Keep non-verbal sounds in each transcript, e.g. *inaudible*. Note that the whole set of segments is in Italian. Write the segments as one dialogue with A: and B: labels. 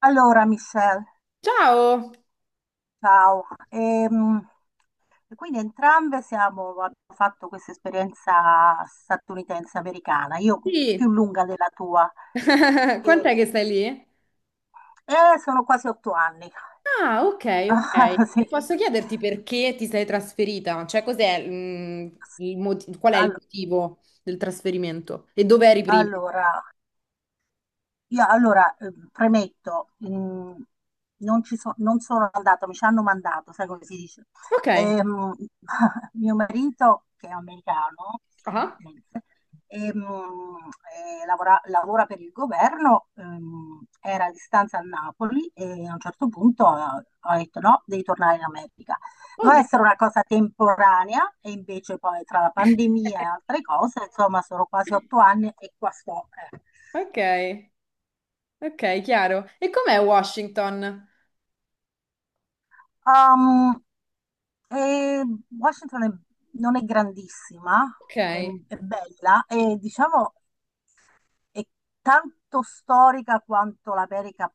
A: Allora, Michelle,
B: Ciao!
A: ciao. E quindi entrambe siamo, abbiamo fatto questa esperienza statunitense americana, io
B: Sì,
A: più lunga della tua,
B: *laughs*
A: e,
B: quant'è che stai lì?
A: sono quasi 8 anni.
B: Ah, ok, ok.
A: *laughs* Sì.
B: E posso chiederti perché ti sei trasferita? Cioè, cos'è, il qual è il
A: Allo-
B: motivo del trasferimento? E dove eri prima?
A: Allora, io allora premetto, non sono andata, mi ci hanno mandato, sai come si dice.
B: Ok.
A: Ehm, *laughs* Mio marito, che è americano,
B: Ah,
A: statunitense, ehm, lavora per il governo, era a distanza a Napoli e a un certo punto ho detto no, devi tornare in America. Doveva
B: oddio.
A: essere una cosa temporanea e invece poi tra la pandemia e
B: *laughs*
A: altre cose, insomma, sono quasi otto anni e qua sto. eh.
B: Ok, ok, chiaro. E com'è Washington?
A: Ehm, e Washington non è grandissima,
B: Ok.
A: è, è bella e diciamo è tanto storica quanto l'America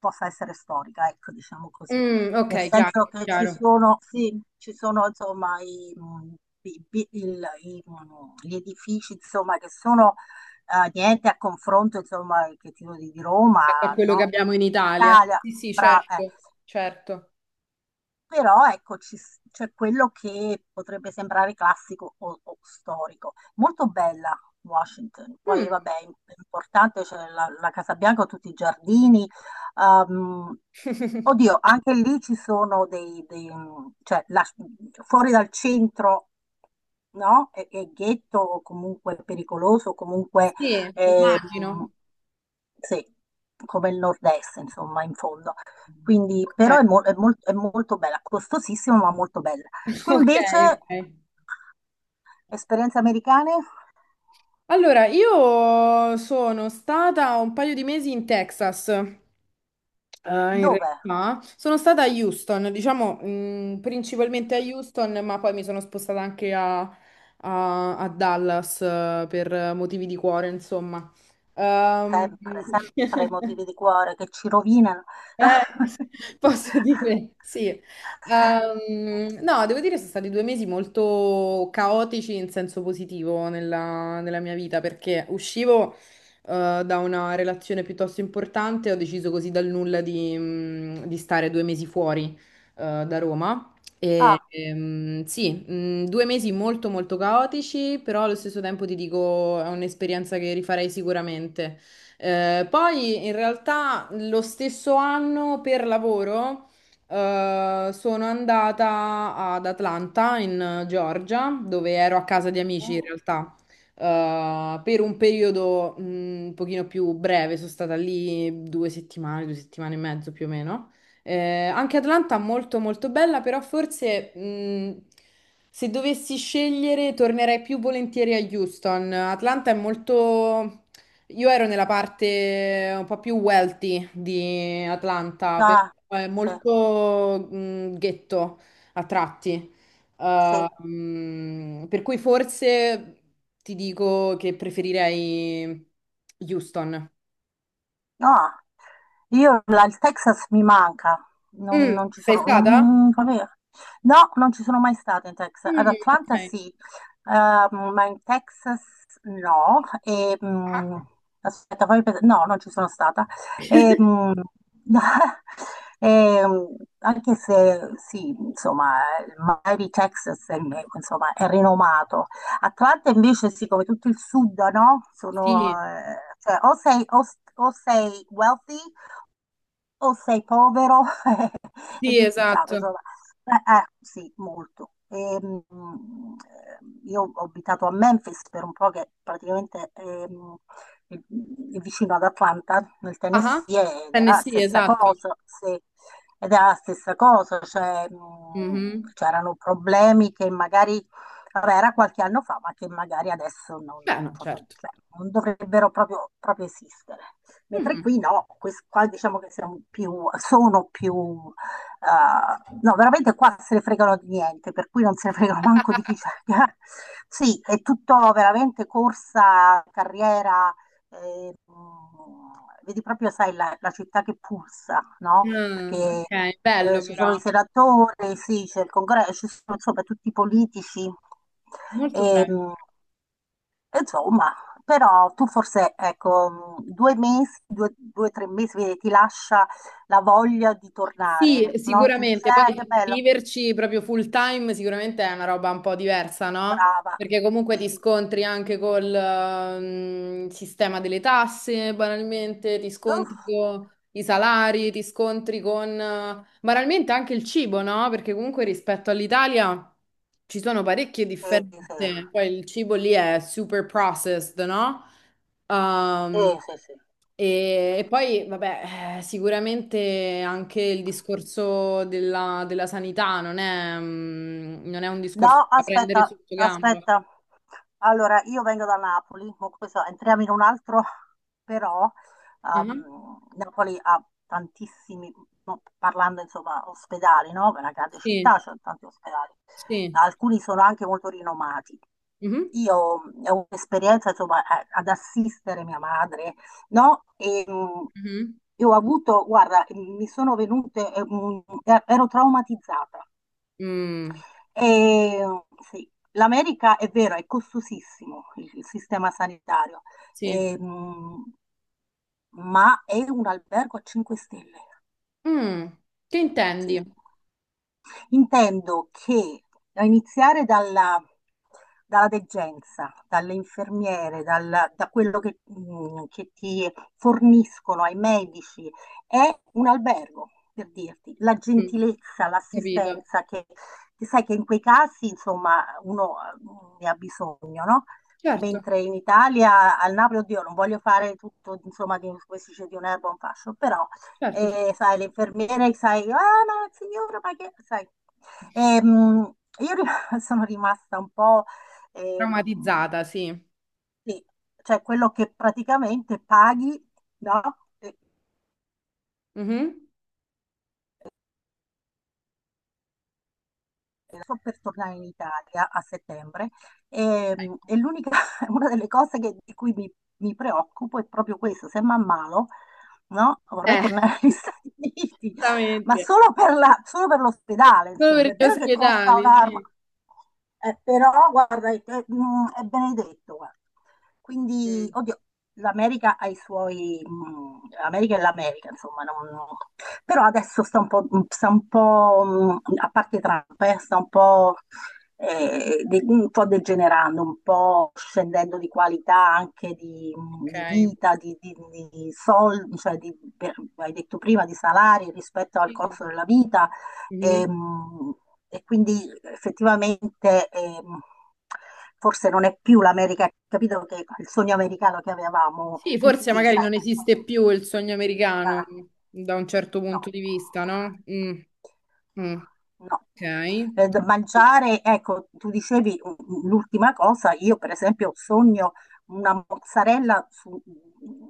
A: possa essere storica, ecco, diciamo così.
B: Mm, ok,
A: Nel
B: chiaro,
A: senso che ci
B: chiaro.
A: sono, sì, ci sono insomma gli edifici insomma, che sono niente a confronto insomma, che ti dico, di Roma,
B: Rispetto a quello che
A: no? Di,
B: abbiamo in
A: di
B: Italia.
A: Italia,
B: Sì, sì,
A: brava.
B: certo, certo.
A: Però ecco, c'è quello che potrebbe sembrare classico o storico. Molto bella Washington,
B: Mm.
A: poi vabbè, è importante, c'è la Casa Bianca, tutti i giardini. ehm,
B: *laughs*
A: Oddio, anche lì ci sono cioè la- fuori dal centro, no? È ghetto o comunque pericoloso, o comunque
B: Sì,
A: ehm,
B: immagino.
A: sì, come il nord-est, insomma, in fondo. Quindi,
B: Ok,
A: però è molto bella, costosissima ma molto bella.
B: *laughs*
A: Tu
B: ok,
A: invece,
B: ok.
A: esperienze americane?
B: Allora, io sono stata un paio di mesi in Texas, in
A: Dove?
B: realtà. Sono stata a Houston, diciamo, principalmente a Houston, ma poi mi sono spostata anche a, a Dallas, per motivi di cuore, insomma. Ehm,
A: Sempre, sempre motivi
B: *laughs*
A: di cuore che ci rovinano.
B: Eh, *laughs* posso
A: *laughs*
B: dire, sì. No, devo dire sono stati due mesi molto caotici in senso positivo nella, nella mia vita, perché uscivo, da una relazione piuttosto importante, ho deciso così dal nulla di, di stare due mesi fuori, da Roma.
A: Ah,
B: E, sì, due mesi molto molto caotici, però allo stesso tempo ti dico, è un'esperienza che rifarei sicuramente. Poi in realtà lo stesso anno per lavoro sono andata ad Atlanta in Georgia, dove ero a casa di amici in
A: mm,
B: realtà. Per un periodo un pochino più breve, sono stata lì due settimane e mezzo più o meno. Eh, anche Atlanta molto molto bella, però forse se dovessi scegliere tornerei più volentieri a Houston. Atlanta è molto, io ero nella parte un po' più wealthy di Atlanta, però
A: ah,
B: è
A: sì,
B: molto, ghetto a tratti.
A: sì.
B: Per cui forse ti dico che preferirei Houston.
A: No, il Texas mi manca, non,
B: Mm,
A: non ci
B: sei
A: sono,
B: stata?
A: no, non ci sono mai stata in Texas. Ad
B: Mm,
A: Atlanta
B: ok.
A: sì, ma in Texas no. E,
B: Ah.
A: aspetta, fammi pensare, no, non ci sono stata. E,
B: *laughs*
A: mm, *laughs* e, mm, anche se sì, insomma, il Miami Texas è, insomma, è rinomato. Atlanta invece sì, come tutto il sud, no? Sono,
B: Sì,
A: cioè, o sei wealthy o sei povero, *laughs* è
B: sì,
A: ghettizzato,
B: esatto.
A: insomma. Sì, molto. Eh, io ho abitato a Memphis per un po' che praticamente è vicino ad Atlanta, nel
B: Ah,
A: Tennessee, ed era la
B: Tennessee,
A: stessa
B: esatto.
A: cosa, sì. Ed era la stessa cosa, cioè,
B: Mhm.
A: c'erano problemi che magari, vabbè, era qualche anno fa, ma che magari adesso non,
B: Beh,
A: non
B: no,
A: proprio-
B: certo.
A: cioè, non dovrebbero proprio, proprio esistere. Mentre
B: Mhm.
A: qui no, qua diciamo che siamo più, sono più. No, veramente qua se ne fregano di niente, per cui non se ne fregano manco di chi
B: *laughs*
A: c'è. *laughs* Sì, è tutto veramente corsa, carriera, vedi proprio, sai, la città che pulsa, no?
B: Mm,
A: Perché
B: ok, bello
A: ci sono
B: però.
A: i senatori, sì, c'è il congresso, ci sono insomma tutti i politici.
B: Molto
A: E,
B: bene.
A: mh, Insomma, però tu forse, ecco, 2 mesi, 3 mesi, vedi, ti lascia la voglia di
B: Sì,
A: tornare, no? Ti dici,
B: sicuramente,
A: che
B: poi
A: bello,
B: viverci proprio full time sicuramente è una roba un po' diversa, no?
A: brava.
B: Perché comunque ti
A: Sì.
B: scontri anche col sistema delle tasse, banalmente, ti
A: Uff,
B: scontri con i salari, ti scontri con banalmente anche il cibo, no? Perché comunque rispetto all'Italia ci sono parecchie
A: sì, sì,
B: differenze, poi il cibo lì è super processed, no?
A: sì,
B: Ehm,
A: sì, sì.
B: e, e poi, vabbè, sicuramente anche il discorso della, della sanità non è, non è un discorso
A: No,
B: da prendere
A: aspetta,
B: sotto gamba.
A: aspetta. Allora, io vengo da Napoli, ma questo, entriamo in un altro, però
B: Ah,
A: Napoli ha tantissimi, no, parlando insomma ospedali, no? È una grande
B: sì,
A: città, c'è tanti ospedali.
B: sì.
A: Alcuni sono anche molto rinomati.
B: Mhm,
A: Io ho un'esperienza insomma ad assistere mia madre, no?
B: mhm.
A: Io ho avuto, guarda, mi sono venute, ero traumatizzata
B: Mm,
A: e, sì, l'America è vero, è costosissimo il sistema sanitario,
B: sì.
A: ehm, ma è un albergo a 5 stelle,
B: Mm, che
A: sì.
B: intendi?
A: Intendo che a iniziare dalla degenza, dalle infermiere, da quello che ti forniscono ai medici, è un albergo, per dirti, la
B: Mm,
A: gentilezza,
B: capito.
A: l'assistenza, che sai che in quei casi, insomma, uno ne ha bisogno, no?
B: Certo,
A: Mentre in Italia, al Napoli, oddio, non voglio fare tutto, insomma, di, come si dice, di un'erba un fascio, però
B: certo, certo.
A: e sai, le infermiere, sai, ah, ma signora, ma che, sai. Ehm, io ri- *laughs* sono rimasta un po', ehm,
B: Traumatizzata, sì.
A: sì, cioè quello che praticamente paghi, no?
B: Mhm.
A: Sto per tornare in Italia a settembre e, e l'unica, *laughs* una delle cose di cui mi preoccupo è proprio questo, se mi ammalo, no? Vorrei
B: Eh,
A: tornare agli *laughs*
B: *laughs*
A: Stati Uniti, ma
B: esattamente.
A: solo per l'ospedale,
B: Solo
A: insomma.
B: per
A: È
B: gli
A: vero che costa
B: ospedali,
A: un'arma,
B: sì.
A: però guarda, è benedetto, guarda. Quindi,
B: Mm.
A: oddio, l'America ha i suoi... L'America è l'America, insomma, però adesso sta un po', sta un po', a parte Trump, sta un po', un po' degenerando, un po' scendendo di qualità anche di,
B: Ok.
A: di vita, di sol- cioè di- per- hai detto prima, di salari rispetto al
B: Sì.
A: costo della vita.
B: Mhm.
A: ehm, E quindi effettivamente, forse non è più l'America, capito, che il sogno americano che avevamo
B: Sì, forse
A: tutti,
B: magari
A: sai
B: non
A: che...
B: esiste più il sogno americano
A: Ah,
B: da un certo
A: no,
B: punto di vista, no? Mm. Mm.
A: no.
B: Ok.
A: Da mangiare, ecco, tu dicevi, l'ultima cosa, io per esempio sogno una mozzarella su,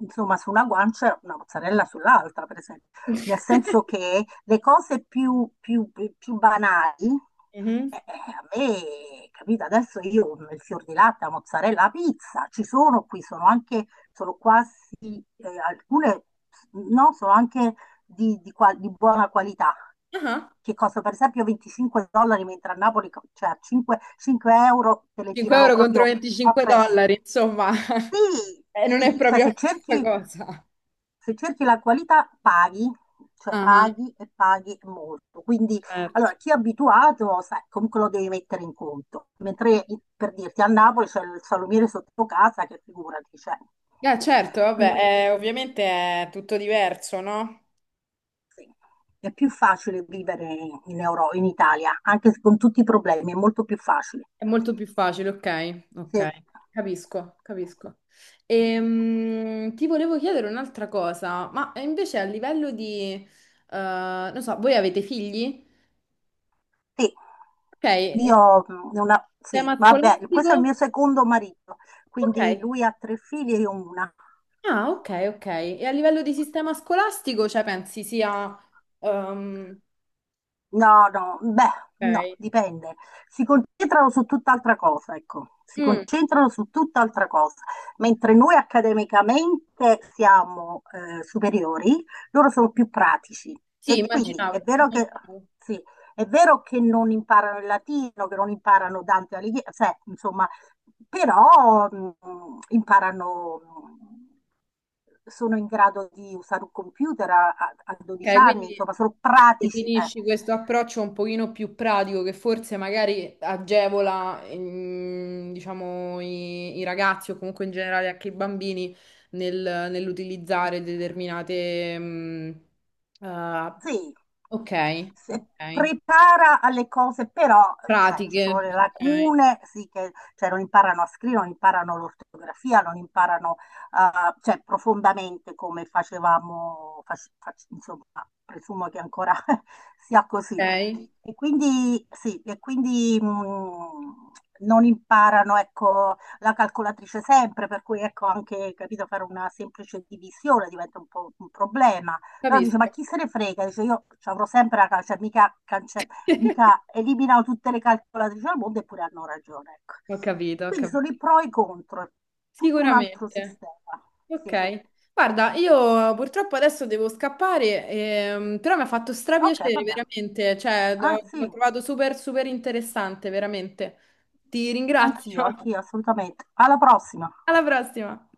A: insomma, su una guancia e una mozzarella sull'altra, per esempio, nel
B: *laughs*
A: senso che le cose più, più, più banali,
B: Mhm.
A: eh, a me, capito, adesso io il fior di latte, la mozzarella, la pizza, ci sono qui, sono anche, sono quasi, alcune, no, sono anche di, di buona qualità,
B: Ah,
A: che costano per esempio 25 dollari, mentre a Napoli, cioè a 5 euro, te le
B: 5 *laughs*
A: tirano
B: euro contro
A: proprio
B: 25
A: appresso.
B: dollari, insomma,
A: Sì,
B: *laughs* non è
A: sì, cioè
B: proprio la stessa cosa.
A: se cerchi, la qualità paghi, cioè
B: Ah,
A: paghi e paghi molto. Quindi,
B: certo.
A: allora, chi è abituato, sai, comunque lo devi mettere in conto.
B: Ah.
A: Mentre, per dirti, a Napoli c'è il salumiere sotto casa, che figurati, cioè.
B: Certo, vabbè,
A: Quindi,
B: ovviamente è tutto diverso, no?
A: sì, è più facile vivere in in Italia, anche se con tutti i problemi, è molto più facile.
B: È molto più facile, ok,
A: Sì.
B: ok, capisco, capisco. Ti volevo chiedere un'altra cosa, ma invece a livello di, non so, voi avete figli?
A: Sì,
B: Ok, e
A: io una, sì,
B: sistema
A: vabbè, questo è il mio
B: scolastico?
A: secondo marito, quindi
B: Ok,
A: lui ha tre figli e io una.
B: ah, ok, ok. E a livello di sistema scolastico, cioè pensi sia... ehm,
A: No, no, beh, no,
B: ok,
A: dipende. Si concentrano su tutt'altra cosa, ecco, si
B: mm,
A: concentrano su tutt'altra cosa. Mentre noi accademicamente siamo superiori, loro sono più pratici.
B: sì,
A: E quindi
B: immaginavo,
A: è vero che,
B: immaginavo.
A: sì, è vero che non imparano il latino, che non imparano Dante Alighieri, cioè, insomma, però imparano, sono in grado di usare un computer a, a 12
B: Ok,
A: anni,
B: quindi...
A: insomma, sono pratici.
B: Definisci questo approccio un pochino più pratico che forse magari agevola, diciamo, i ragazzi o comunque in generale anche i bambini nell'utilizzare determinate, ah,
A: Sì,
B: ok,
A: se-
B: ok,
A: prepara alle cose, però cioè, ci
B: pratiche,
A: sono le
B: ok,
A: lacune, sì, che cioè, non imparano a scrivere, non imparano l'ortografia, non imparano, cioè, profondamente come facevamo, insomma, presumo che ancora *laughs* sia così.
B: ok,
A: E quindi, sì, non imparano, ecco, la calcolatrice sempre, per cui, ecco, anche, capito, fare una semplice divisione diventa un po' un problema. Però dice, ma
B: capisco.
A: chi se ne frega? Dice, io ci avrò sempre la calce,
B: *laughs*
A: mica eliminano tutte le calcolatrici al mondo, eppure hanno ragione. Ecco.
B: Ho capito, ho
A: Quindi sono i
B: capito.
A: pro e i contro, è tutto un altro
B: Sicuramente.
A: sistema. Sì,
B: Ok, guarda, io purtroppo adesso devo scappare, però mi ha fatto
A: ok,
B: strapiacere
A: vabbè.
B: veramente,
A: Ah,
B: l'ho
A: sì,
B: trovato super super interessante, veramente. Ti ringrazio.
A: anch'io,
B: *laughs*
A: anch'io, assolutamente. Alla prossima.
B: Alla prossima.